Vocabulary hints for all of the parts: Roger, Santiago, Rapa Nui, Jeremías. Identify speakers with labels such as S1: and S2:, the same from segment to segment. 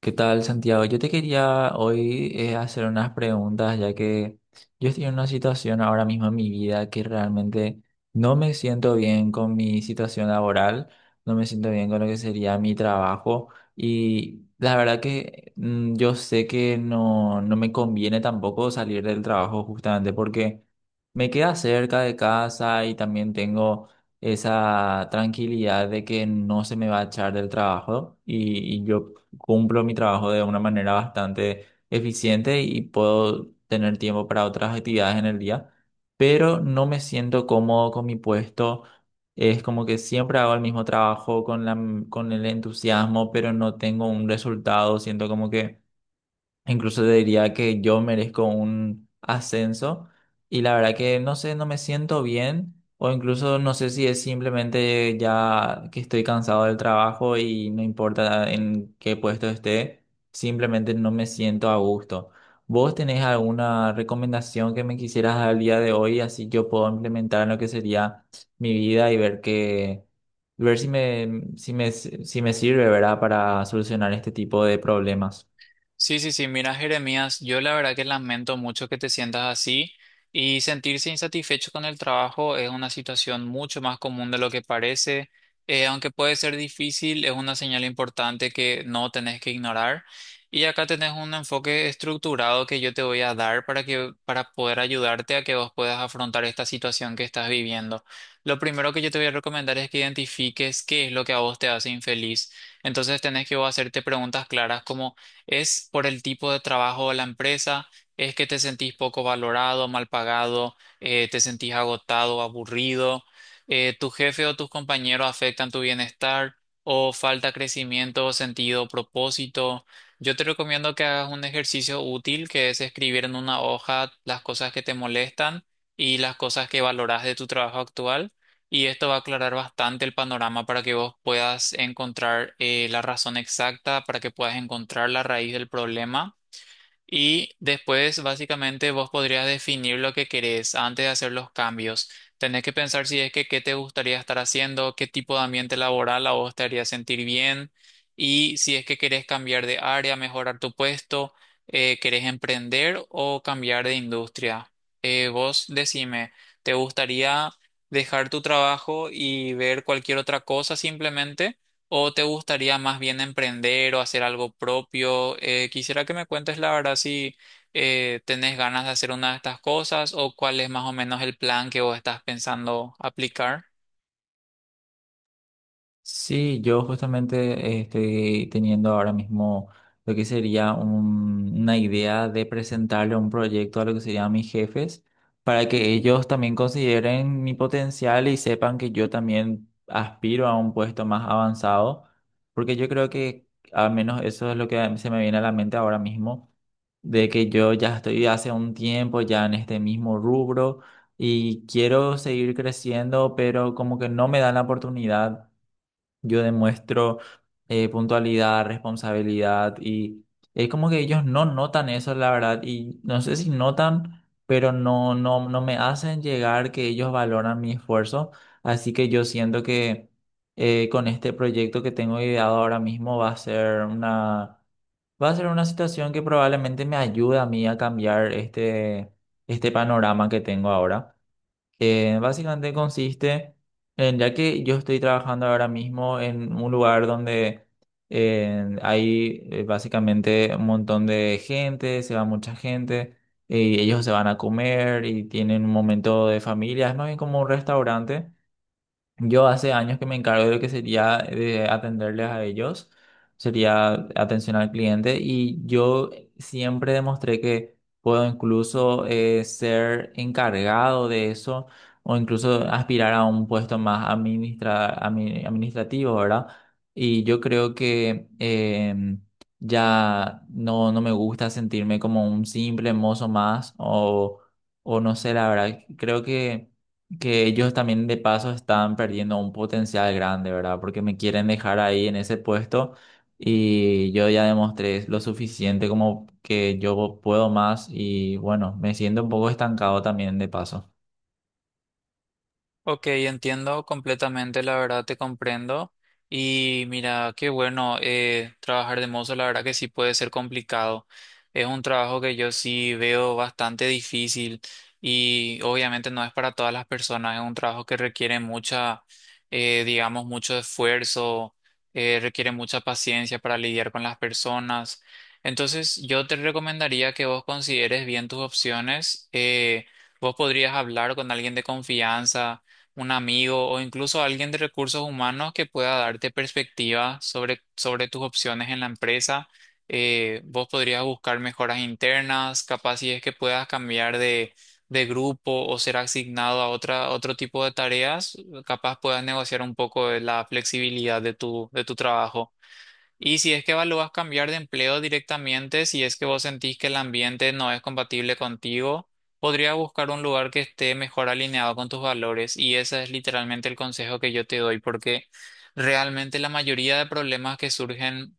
S1: ¿Qué tal, Santiago? Yo te quería hoy hacer unas preguntas, ya que yo estoy en una situación ahora mismo en mi vida que realmente no me siento bien con mi situación laboral, no me siento bien con lo que sería mi trabajo. Y la verdad que yo sé que no, no me conviene tampoco salir del trabajo justamente porque me queda cerca de casa y también tengo esa tranquilidad de que no se me va a echar del trabajo, y yo cumplo mi trabajo de una manera bastante eficiente y puedo tener tiempo para otras actividades en el día, pero no me siento cómodo con mi puesto. Es como que siempre hago el mismo trabajo con con el entusiasmo, pero no tengo un resultado. Siento como que incluso te diría que yo merezco un ascenso. Y la verdad que no sé, no me siento bien, o incluso no sé si es simplemente ya que estoy cansado del trabajo y no importa en qué puesto esté, simplemente no me siento a gusto. ¿Vos tenés alguna recomendación que me quisieras dar al día de hoy, así yo puedo implementar en lo que sería mi vida y ver que ver si me sirve, ¿verdad?, para solucionar este tipo de problemas?
S2: Sí, sí, sí, mira, Jeremías, yo la verdad que lamento mucho que te sientas así y sentirse insatisfecho con el trabajo es una situación mucho más común de lo que parece. Aunque puede ser difícil, es una señal importante que no tenés que ignorar. Y acá tenés un enfoque estructurado que yo te voy a dar para poder ayudarte a que vos puedas afrontar esta situación que estás viviendo. Lo primero que yo te voy a recomendar es que identifiques qué es lo que a vos te hace infeliz. Entonces tenés que vos hacerte preguntas claras como: ¿es por el tipo de trabajo de la empresa? ¿Es que te sentís poco valorado, mal pagado? ¿Te sentís agotado, aburrido? ¿Tu jefe o tus compañeros afectan tu bienestar? ¿O falta crecimiento, sentido, propósito? Yo te recomiendo que hagas un ejercicio útil que es escribir en una hoja las cosas que te molestan y las cosas que valoras de tu trabajo actual, y esto va a aclarar bastante el panorama para que vos puedas encontrar la razón exacta, para que puedas encontrar la raíz del problema. Y después, básicamente, vos podrías definir lo que querés antes de hacer los cambios. Tenés que pensar si es que qué te gustaría estar haciendo, qué tipo de ambiente laboral a vos te haría sentir bien, y si es que querés cambiar de área, mejorar tu puesto, querés emprender o cambiar de industria. Vos decime, ¿te gustaría dejar tu trabajo y ver cualquier otra cosa simplemente? ¿O te gustaría más bien emprender o hacer algo propio? Quisiera que me cuentes la verdad si tenés ganas de hacer una de estas cosas o cuál es más o menos el plan que vos estás pensando aplicar.
S1: Sí, yo justamente estoy teniendo ahora mismo lo que sería una idea de presentarle un proyecto a lo que serían mis jefes, para que ellos también consideren mi potencial y sepan que yo también aspiro a un puesto más avanzado, porque yo creo que al menos eso es lo que se me viene a la mente ahora mismo, de que yo ya estoy hace un tiempo ya en este mismo rubro y quiero seguir creciendo, pero como que no me dan la oportunidad. Yo demuestro puntualidad, responsabilidad, y es como que ellos no notan eso, la verdad, y no sé si notan, pero no, no, no me hacen llegar que ellos valoran mi esfuerzo, así que yo siento que, con este proyecto que tengo ideado ahora mismo, va a ser una situación que probablemente me ayude a mí a cambiar este panorama que tengo ahora, que básicamente consiste en, ya que yo estoy trabajando ahora mismo en un lugar donde, hay básicamente un montón de gente, se va mucha gente, y ellos se van a comer y tienen un momento de familia, es más bien como un restaurante. Yo hace años que me encargo de lo que sería de atenderles a ellos, sería atención al cliente, y yo siempre demostré que puedo incluso ser encargado de eso, o incluso aspirar a un puesto más administrativo, ¿verdad? Y yo creo que ya no, no me gusta sentirme como un simple mozo más, o no sé, la verdad, creo que ellos también de paso están perdiendo un potencial grande, ¿verdad? Porque me quieren dejar ahí en ese puesto y yo ya demostré lo suficiente como que yo puedo más y, bueno, me siento un poco estancado también de paso.
S2: Ok, entiendo completamente, la verdad te comprendo. Y mira, qué bueno, trabajar de mozo, la verdad que sí puede ser complicado. Es un trabajo que yo sí veo bastante difícil y obviamente no es para todas las personas, es un trabajo que requiere digamos, mucho esfuerzo, requiere mucha paciencia para lidiar con las personas. Entonces, yo te recomendaría que vos consideres bien tus opciones. Vos podrías hablar con alguien de confianza, un amigo o incluso alguien de recursos humanos que pueda darte perspectiva sobre tus opciones en la empresa. Vos podrías buscar mejoras internas, capaz si es que puedas cambiar de grupo o ser asignado a otro tipo de tareas, capaz puedas negociar un poco de la flexibilidad de de tu trabajo. Y si es que lo vas a cambiar de empleo directamente, si es que vos sentís que el ambiente no es compatible contigo, podrías buscar un lugar que esté mejor alineado con tus valores. Y ese es literalmente el consejo que yo te doy, porque realmente la mayoría de problemas que surgen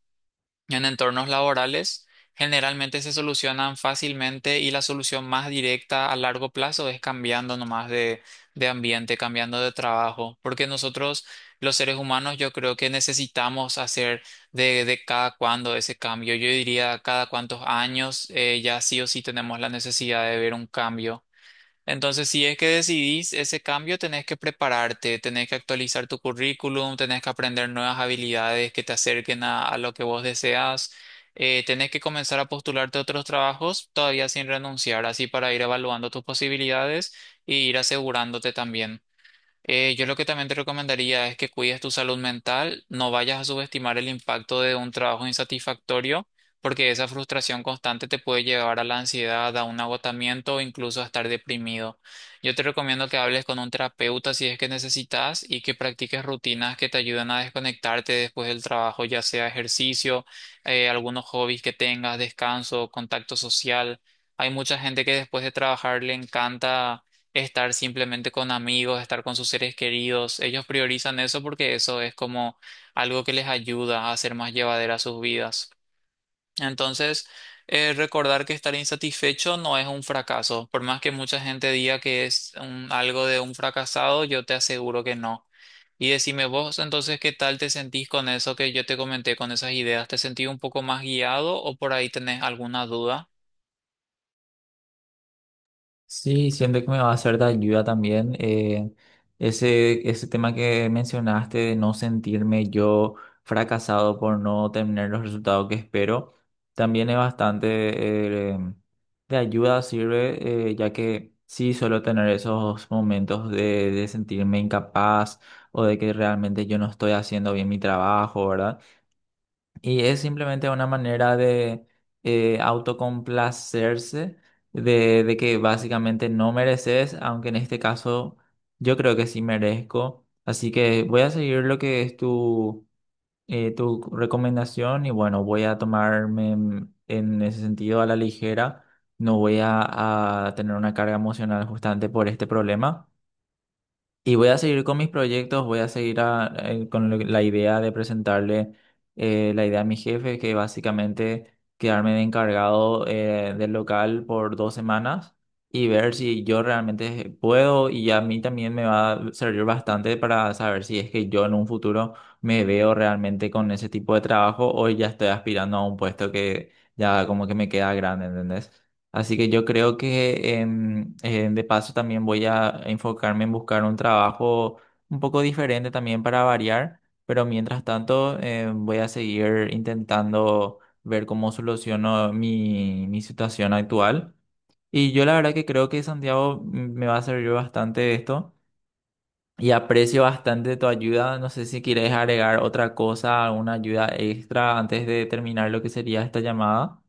S2: en entornos laborales, generalmente se solucionan fácilmente y la solución más directa a largo plazo es cambiando nomás de ambiente, cambiando de trabajo, porque nosotros, los seres humanos, yo creo que necesitamos hacer de cada cuándo ese cambio. Yo diría cada cuántos años ya sí o sí tenemos la necesidad de ver un cambio. Entonces, si es que decidís ese cambio, tenés que prepararte, tenés que actualizar tu currículum, tenés que aprender nuevas habilidades que te acerquen a lo que vos deseas, tenés que comenzar a postularte a otros trabajos todavía sin renunciar, así para ir evaluando tus posibilidades e ir asegurándote también. Yo lo que también te recomendaría es que cuides tu salud mental, no vayas a subestimar el impacto de un trabajo insatisfactorio, porque esa frustración constante te puede llevar a la ansiedad, a un agotamiento o incluso a estar deprimido. Yo te recomiendo que hables con un terapeuta si es que necesitas y que practiques rutinas que te ayuden a desconectarte después del trabajo, ya sea ejercicio, algunos hobbies que tengas, descanso, contacto social. Hay mucha gente que después de trabajar le encanta estar simplemente con amigos, estar con sus seres queridos. Ellos priorizan eso porque eso es como algo que les ayuda a hacer más llevadera sus vidas. Entonces, recordar que estar insatisfecho no es un fracaso. Por más que mucha gente diga que es algo de un fracasado, yo te aseguro que no. Y decime vos, entonces, ¿qué tal te sentís con eso que yo te comenté, con esas ideas? ¿Te sentís un poco más guiado o por ahí tenés alguna duda?
S1: Sí, siento que me va a ser de ayuda también ese tema que mencionaste, de no sentirme yo fracasado por no tener los resultados que espero. También es bastante, de ayuda, sirve, ya que sí suelo tener esos momentos de sentirme incapaz, o de que realmente yo no estoy haciendo bien mi trabajo, ¿verdad? Y es simplemente una manera de, autocomplacerse, de que básicamente no mereces, aunque en este caso yo creo que sí merezco. Así que voy a seguir lo que es tu recomendación y, bueno, voy a tomarme, en ese sentido, a la ligera. No voy a tener una carga emocional justamente por este problema. Y voy a seguir con mis proyectos, voy a seguir la idea de presentarle, la idea a mi jefe, que básicamente quedarme de encargado del local por 2 semanas, y ver si yo realmente puedo, y a mí también me va a servir bastante para saber si es que yo en un futuro me veo realmente con ese tipo de trabajo, o ya estoy aspirando a un puesto que ya como que me queda grande, ¿entendés? Así que yo creo que, de paso, también voy a enfocarme en buscar un trabajo un poco diferente también para variar, pero mientras tanto voy a seguir intentando ver cómo soluciono mi situación actual. Y yo, la verdad, que creo que, Santiago, me va a servir bastante esto, y aprecio bastante tu ayuda. No sé si quieres agregar otra cosa, alguna ayuda extra antes de terminar lo que sería esta llamada.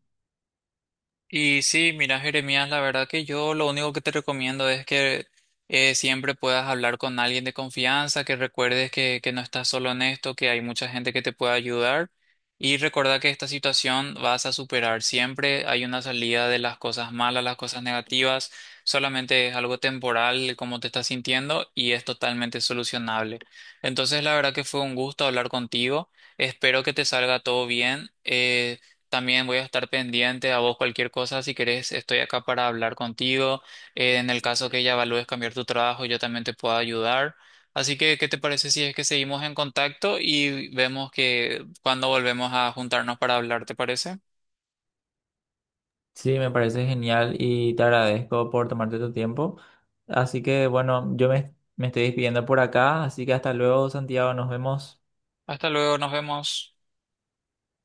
S2: Y sí, mira, Jeremías, la verdad que yo lo único que te recomiendo es que siempre puedas hablar con alguien de confianza, que recuerdes que no estás solo en esto, que hay mucha gente que te puede ayudar y recordar que esta situación vas a superar. Siempre hay una salida de las cosas malas, las cosas negativas, solamente es algo temporal como te estás sintiendo y es totalmente solucionable. Entonces, la verdad que fue un gusto hablar contigo. Espero que te salga todo bien. También voy a estar pendiente a vos cualquier cosa. Si querés, estoy acá para hablar contigo. En el caso que ya evalúes cambiar tu trabajo, yo también te puedo ayudar. Así que, ¿qué te parece si es que seguimos en contacto y vemos que cuando volvemos a juntarnos para hablar, ¿te parece?
S1: Sí, me parece genial y te agradezco por tomarte tu tiempo. Así que bueno, yo me estoy despidiendo por acá, así que hasta luego, Santiago, nos vemos.
S2: Hasta luego, nos vemos.